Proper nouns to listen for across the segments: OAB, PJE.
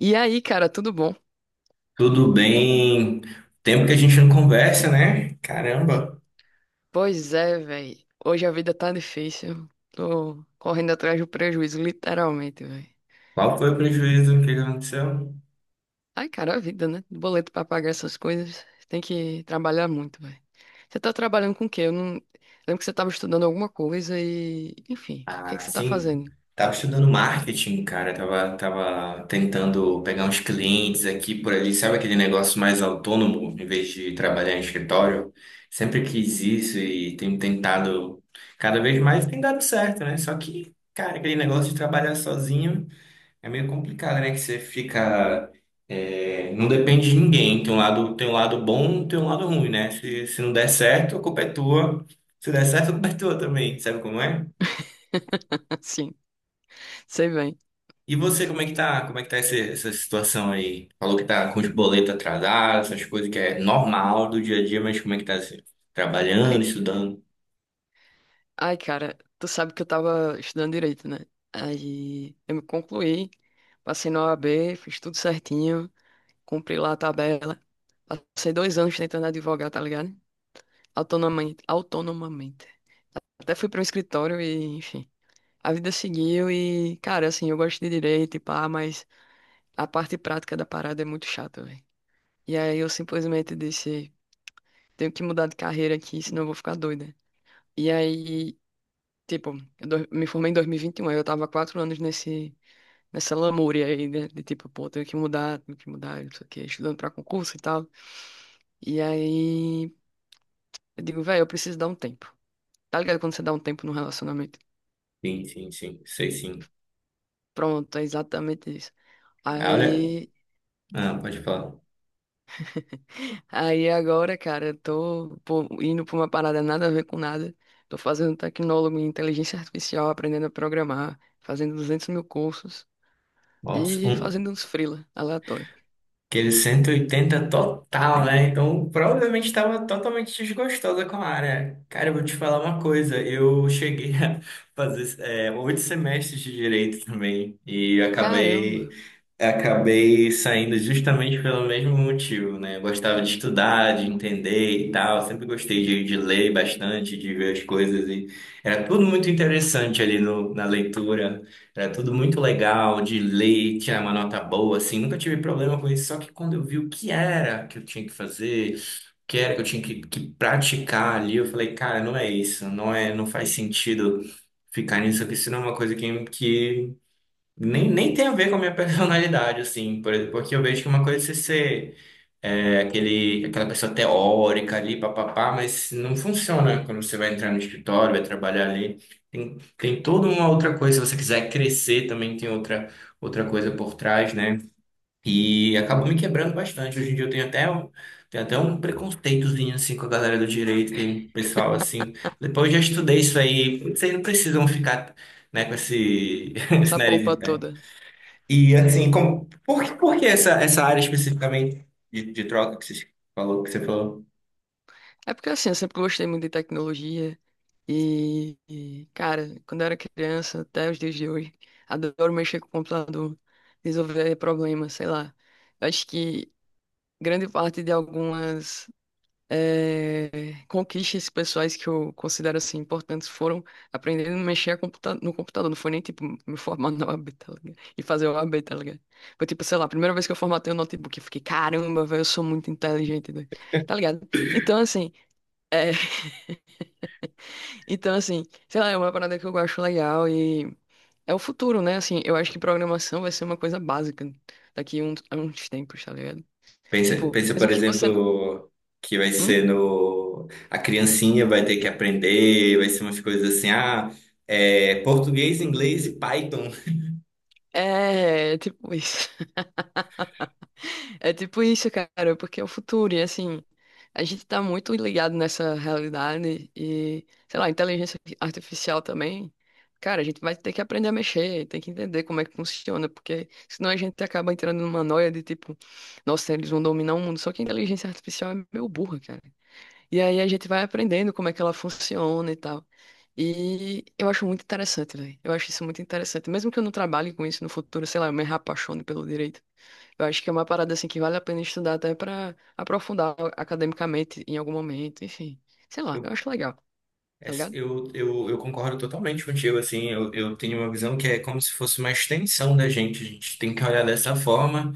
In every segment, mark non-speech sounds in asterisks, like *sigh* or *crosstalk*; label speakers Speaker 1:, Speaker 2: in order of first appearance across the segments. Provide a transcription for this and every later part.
Speaker 1: E aí, cara, tudo bom?
Speaker 2: Tudo bem? Tempo que a gente não conversa, né? Caramba,
Speaker 1: Pois é, velho. Hoje a vida tá difícil. Tô correndo atrás do prejuízo, literalmente, velho.
Speaker 2: qual foi o prejuízo? O que que aconteceu?
Speaker 1: Ai, cara, a vida, né? Boleto pra pagar essas coisas. Tem que trabalhar muito, velho. Você tá trabalhando com o quê? Eu não... Lembro que você tava estudando alguma coisa e... Enfim, o que é que
Speaker 2: Ah,
Speaker 1: você tá
Speaker 2: sim.
Speaker 1: fazendo?
Speaker 2: Tava estudando marketing, cara. Tava tentando pegar uns clientes aqui por ali. Sabe aquele negócio mais autônomo, em vez de trabalhar em escritório? Sempre quis isso e tenho tentado cada vez mais, tem dado certo, né? Só que, cara, aquele negócio de trabalhar sozinho. É meio complicado, né? Que você fica. É, não depende de ninguém. Tem um lado bom, tem um lado ruim, né? Se não der certo, a culpa é tua. Se der certo, a culpa é tua também. Sabe como é?
Speaker 1: *laughs* Sim, sei bem.
Speaker 2: E você, como é que tá? Como é que tá essa situação aí? Falou que tá com os boletos atrasados, essas coisas que é normal do dia a dia, mas como é que tá assim? Trabalhando,
Speaker 1: Ai,
Speaker 2: estudando?
Speaker 1: ai, cara, tu sabe que eu tava estudando direito, né? Aí eu me concluí, passei na O A B, fiz tudo certinho. Cumpri lá a tabela. Passei 2 anos tentando advogar, tá ligado? Autonomamente, autonomamente. Até fui para um escritório e, enfim, a vida seguiu e, cara, assim, eu gosto de direito e pá, mas a parte prática da parada é muito chata, velho. E aí eu simplesmente disse, tenho que mudar de carreira aqui, senão eu vou ficar doida. E aí, tipo, me formei em 2021, aí eu tava 4 anos nesse, nessa lamúria aí, né? De tipo, pô, tenho que mudar, não sei o quê, estudando pra concurso e tal. E aí, eu digo, velho, eu preciso dar um tempo. Tá ligado quando você dá um tempo num relacionamento?
Speaker 2: Sim, sim, sim. Sei sim.
Speaker 1: Pronto, é exatamente isso.
Speaker 2: Ah, olha.
Speaker 1: Aí,
Speaker 2: Ah, pode falar.
Speaker 1: aí, agora, cara, eu tô pô, indo pra uma parada nada a ver com nada. Tô fazendo tecnólogo em inteligência artificial, aprendendo a programar, fazendo 200 mil cursos
Speaker 2: Nossa,
Speaker 1: e
Speaker 2: um-
Speaker 1: fazendo uns freela aleatório.
Speaker 2: Aquele 180 total, né? Então, provavelmente estava totalmente desgostosa com a área. Cara, eu vou te falar uma coisa. Eu cheguei a *laughs* fazer 8 semestres de direito também e eu
Speaker 1: Caramba,
Speaker 2: acabei saindo justamente pelo mesmo motivo, né? Eu gostava de estudar, de entender e tal. Sempre gostei de ler bastante, de ver as coisas. E era tudo muito interessante ali no, na leitura. Era tudo muito legal de ler, tirar uma nota boa, assim. Nunca tive problema com isso. Só que quando eu vi o que era que eu tinha que fazer, o que era que eu tinha que praticar ali, eu falei, cara, não é isso. Não é, não faz sentido ficar nisso aqui. Isso não é uma coisa que nem tem a ver com a minha *laughs* personalidade, assim, por exemplo, porque eu vejo que uma coisa é você ser aquela pessoa teórica ali, papapá, mas não funciona quando você vai entrar no escritório, vai trabalhar ali. Tem toda uma outra coisa, se você quiser crescer também tem outra coisa por trás, né? E acabou me quebrando bastante. Hoje em dia eu tenho até um preconceitozinho, assim, com a galera do direito, que o pessoal, assim, depois eu já estudei isso aí, vocês não precisam ficar, né, com esse, *laughs* esse
Speaker 1: essa
Speaker 2: nariz em
Speaker 1: pompa
Speaker 2: pé.
Speaker 1: toda.
Speaker 2: E assim, como, por que essa área especificamente de troca que você falou?
Speaker 1: É porque assim, eu sempre gostei muito de tecnologia, e, cara, quando eu era criança, até os dias de hoje, adoro mexer com o computador, resolver problemas, sei lá. Eu acho que grande parte de algumas eh, conquistas pessoais que eu considero assim importantes foram aprendendo a mexer a computa no computador. Não foi nem tipo me formar *laughs* na OAB, tá ligado? E fazer OAB, tá ligado? Foi tipo, sei lá, a primeira vez que eu formatei o notebook, eu fiquei, caramba, velho, eu sou muito inteligente, doido." Tá ligado? Então, assim. eh, então, assim, sei lá, é uma parada que eu acho legal e é o futuro, né? Assim, eu acho que programação vai ser uma coisa básica daqui a uns tempos, tá ligado?
Speaker 2: Pensa,
Speaker 1: Tipo,
Speaker 2: pensa,
Speaker 1: mesmo
Speaker 2: por
Speaker 1: que você. Não-
Speaker 2: exemplo, que vai
Speaker 1: Hum?
Speaker 2: ser no... A criancinha vai ter que aprender, vai ser umas coisas assim, português, inglês e Python.
Speaker 1: É, tipo isso. É tipo isso, cara, porque é o futuro, e assim, a gente tá muito ligado nessa realidade e, sei lá, inteligência artificial também. Cara, a gente vai ter que aprender a mexer, tem que entender como é que funciona, porque senão a gente acaba entrando numa noia de tipo, nossa, eles vão dominar o mundo, só que a inteligência artificial é meio burra, cara. E aí a gente vai aprendendo como é que ela funciona e tal. E eu acho muito interessante, velho. Eu acho isso muito interessante. Mesmo que eu não trabalhe com isso no futuro, sei lá, eu me apaixone pelo direito. Eu acho que é uma parada assim que vale a pena estudar até pra aprofundar academicamente em algum momento, enfim. Sei lá, eu
Speaker 2: Eu,
Speaker 1: acho legal, tá
Speaker 2: essa-
Speaker 1: ligado?
Speaker 2: eu, eu, eu concordo totalmente contigo, assim, eu tenho uma visão que é como se fosse uma extensão da gente, a gente tem que olhar dessa forma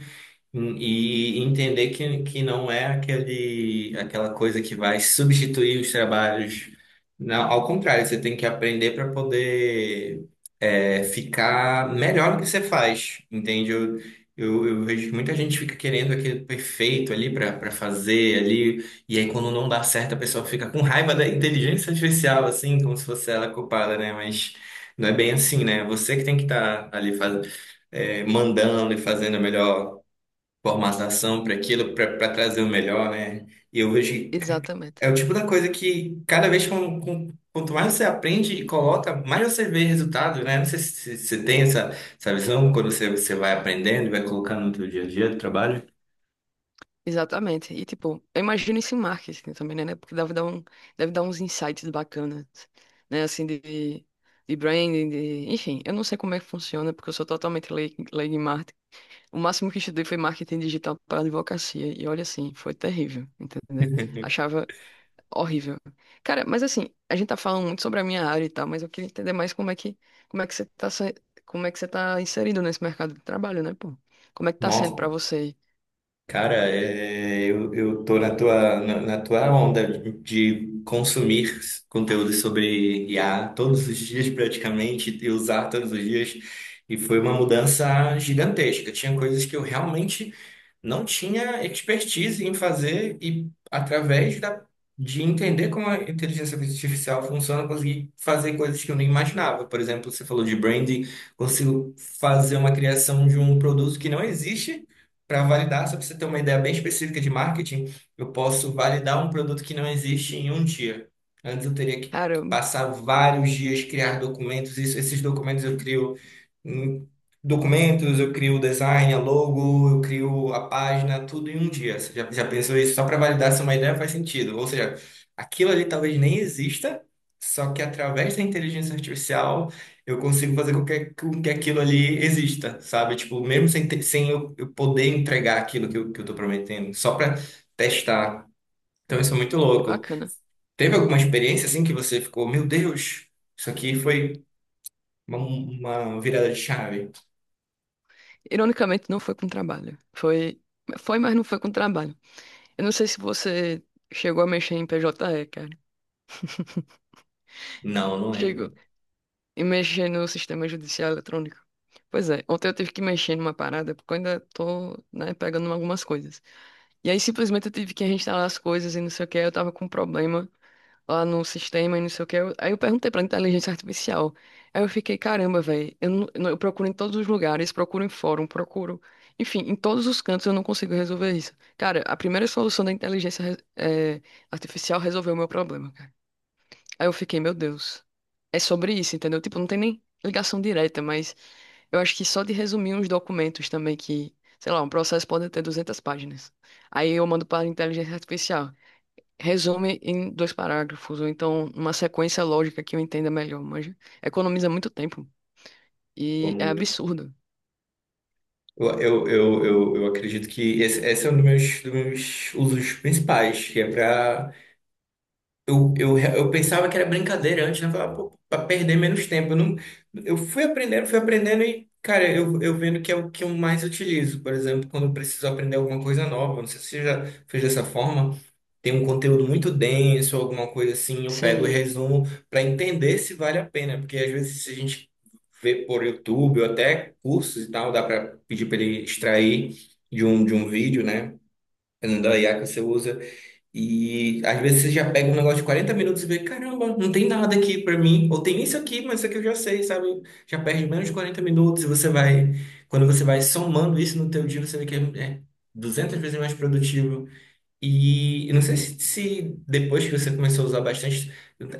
Speaker 2: e entender que não é aquela coisa que vai substituir os trabalhos. Não, ao contrário, você tem que aprender para poder ficar melhor no que você faz, entende? Eu vejo que muita gente fica querendo aquele perfeito ali para fazer ali, e aí quando não dá certo a pessoa fica com raiva da inteligência artificial, assim, como se fosse ela culpada, né? Mas não é bem assim, né? Você que tem que estar ali fazendo, mandando e fazendo a melhor formatação para aquilo, para trazer o melhor, né? E eu vejo que
Speaker 1: Exatamente.
Speaker 2: é o tipo da coisa que cada vez quanto mais você aprende e coloca, mais você vê resultado, né? Não sei se você tem essa, essa visão quando você vai aprendendo e vai colocando no seu dia a dia do trabalho.
Speaker 1: Exatamente. E tipo, eu imagino isso em marketing também, né? Porque deve dar uns insights bacanas, né? Assim, de branding, de... Enfim, eu não sei como é que funciona, porque eu sou totalmente leigo em marketing. O máximo que estudei foi marketing digital para advocacia. E olha assim, foi terrível, entendeu? Achava Horrível. Cara, mas assim, a gente tá falando muito sobre a minha área e tal, mas eu queria entender mais como é que você tá, como é que você tá inserido nesse mercado de trabalho, né, pô? Como é que tá sendo
Speaker 2: Nossa,
Speaker 1: pra você?
Speaker 2: cara, eu tô na tua onda de consumir conteúdo sobre IA todos os dias praticamente e usar todos os dias. E foi uma mudança gigantesca. Tinha coisas que eu realmente não tinha expertise em fazer e através de entender como a inteligência artificial funciona, eu consegui fazer coisas que eu nem imaginava. Por exemplo, você falou de branding, consigo fazer uma criação de um produto que não existe para validar, só para você ter uma ideia bem específica de marketing, eu posso validar um produto que não existe em um dia. Antes eu teria que
Speaker 1: Caramba,
Speaker 2: passar vários dias, criar documentos, isso, esses hum, documentos, eu crio o design, a logo, eu crio a página, tudo em um dia. Você já pensou isso? Só para validar se uma ideia faz sentido. Ou seja, aquilo ali talvez nem exista, só que através da inteligência artificial eu consigo fazer com que aquilo ali exista, sabe? Tipo, mesmo sem eu poder entregar aquilo que eu tô prometendo, só para testar. Então isso é muito
Speaker 1: que
Speaker 2: louco.
Speaker 1: bacana.
Speaker 2: Teve alguma experiência assim que você ficou, meu Deus, isso aqui foi uma virada de chave?
Speaker 1: Ironicamente, não foi com trabalho. Foi, mas não foi com trabalho. Eu não sei se você chegou a mexer em PJE, cara.
Speaker 2: Não, não
Speaker 1: Chegou.
Speaker 2: lembro.
Speaker 1: E mexer no sistema judicial eletrônico. Pois é, ontem eu tive que mexer numa parada, porque eu ainda tô, né, pegando algumas coisas. E aí simplesmente eu tive que reinstalar as coisas e não sei o que, eu tava com um problema lá no sistema e não sei o que. Aí eu perguntei pra inteligência artificial. Aí eu fiquei, caramba, velho, eu, não- eu não- eu procuro em todos os lugares, procuro em fórum, procuro. Enfim, em todos os cantos eu não consigo resolver isso. Cara, a primeira solução da inteligência, artificial resolveu o meu problema, cara. Aí eu fiquei, meu Deus, é sobre isso, entendeu? Tipo, não tem nem ligação direta, mas eu acho que só de resumir uns documentos também que, sei lá, um processo pode ter 200 páginas. Aí eu mando para a inteligência artificial. Resume em 2 parágrafos, ou então uma sequência lógica que eu entenda melhor, mas economiza muito tempo
Speaker 2: Pô,
Speaker 1: e é
Speaker 2: muito.
Speaker 1: absurdo.
Speaker 2: Eu acredito que esse é um dos meus usos principais, que é para eu pensava que era brincadeira antes, né? Eu falava, pô, pra perder menos tempo. Não, eu fui aprendendo e, cara, eu vendo que é o que eu mais utilizo. Por exemplo, quando eu preciso aprender alguma coisa nova, não sei se você já fez dessa forma, tem um conteúdo muito denso, alguma coisa assim, eu pego e
Speaker 1: Sim,
Speaker 2: resumo para entender se vale a pena. Porque às vezes se a gente vê por YouTube ou até cursos e tal, dá para pedir para ele extrair de um vídeo, né? Dependendo da IA que você usa. E às vezes você já pega um negócio de 40 minutos e vê, caramba, não tem nada aqui pra mim. Ou tem isso aqui, mas isso aqui eu já sei, sabe? Já perde menos de 40 minutos e você vai, quando você vai somando isso no teu dia, você vê que é 200 vezes mais produtivo. E eu não sei se depois que você começou a usar bastante,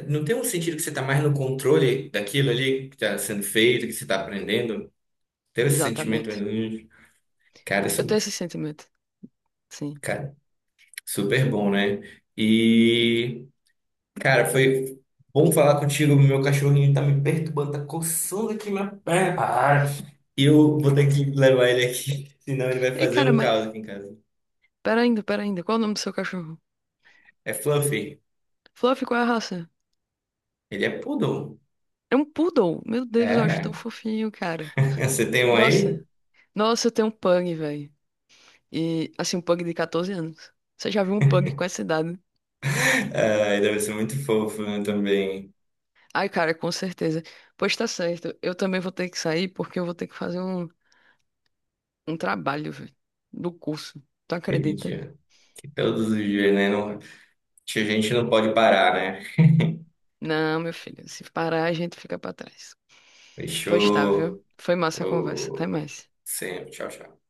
Speaker 2: não tem um sentido que você tá mais no controle daquilo ali que tá sendo feito, que você tá aprendendo? Ter esse sentimento, mais
Speaker 1: exatamente.
Speaker 2: ou menos? Cara,
Speaker 1: Eu
Speaker 2: isso,
Speaker 1: tenho esse sentimento, sim.
Speaker 2: cara, super bom, né? E cara, foi bom falar contigo. Meu cachorrinho tá me perturbando, tá coçando aqui minha perna. Ah, eu vou ter que levar ele aqui, *laughs* senão ele vai
Speaker 1: Ei,
Speaker 2: fazer
Speaker 1: cara,
Speaker 2: um
Speaker 1: mas
Speaker 2: caos aqui em casa.
Speaker 1: pera ainda, qual é o nome do seu cachorro?
Speaker 2: É Fluffy.
Speaker 1: Fluffy, qual é a raça?
Speaker 2: Ele é poodle.
Speaker 1: É um poodle. Meu Deus, eu acho tão
Speaker 2: É.
Speaker 1: fofinho, cara.
Speaker 2: *laughs* Você tem um aí?
Speaker 1: Nossa, nossa, eu tenho um pug, velho. E, assim, um pug de 14 anos. Você já viu um pug com essa idade?
Speaker 2: *laughs* Ah, ele deve ser muito fofo, né, também.
Speaker 1: Ai, cara, com certeza. Pois tá certo, eu também vou ter que sair porque eu vou ter que fazer um trabalho, velho, do curso. Tu
Speaker 2: Aquele
Speaker 1: acredita?
Speaker 2: dia. Que todos os dias, né? Não, a gente não pode parar, né?
Speaker 1: Não, meu filho, se parar, a gente fica pra trás. Pois tá, viu?
Speaker 2: Fechou.
Speaker 1: Foi massa a conversa. Até
Speaker 2: Falou.
Speaker 1: mais.
Speaker 2: Sempre. Tchau, tchau.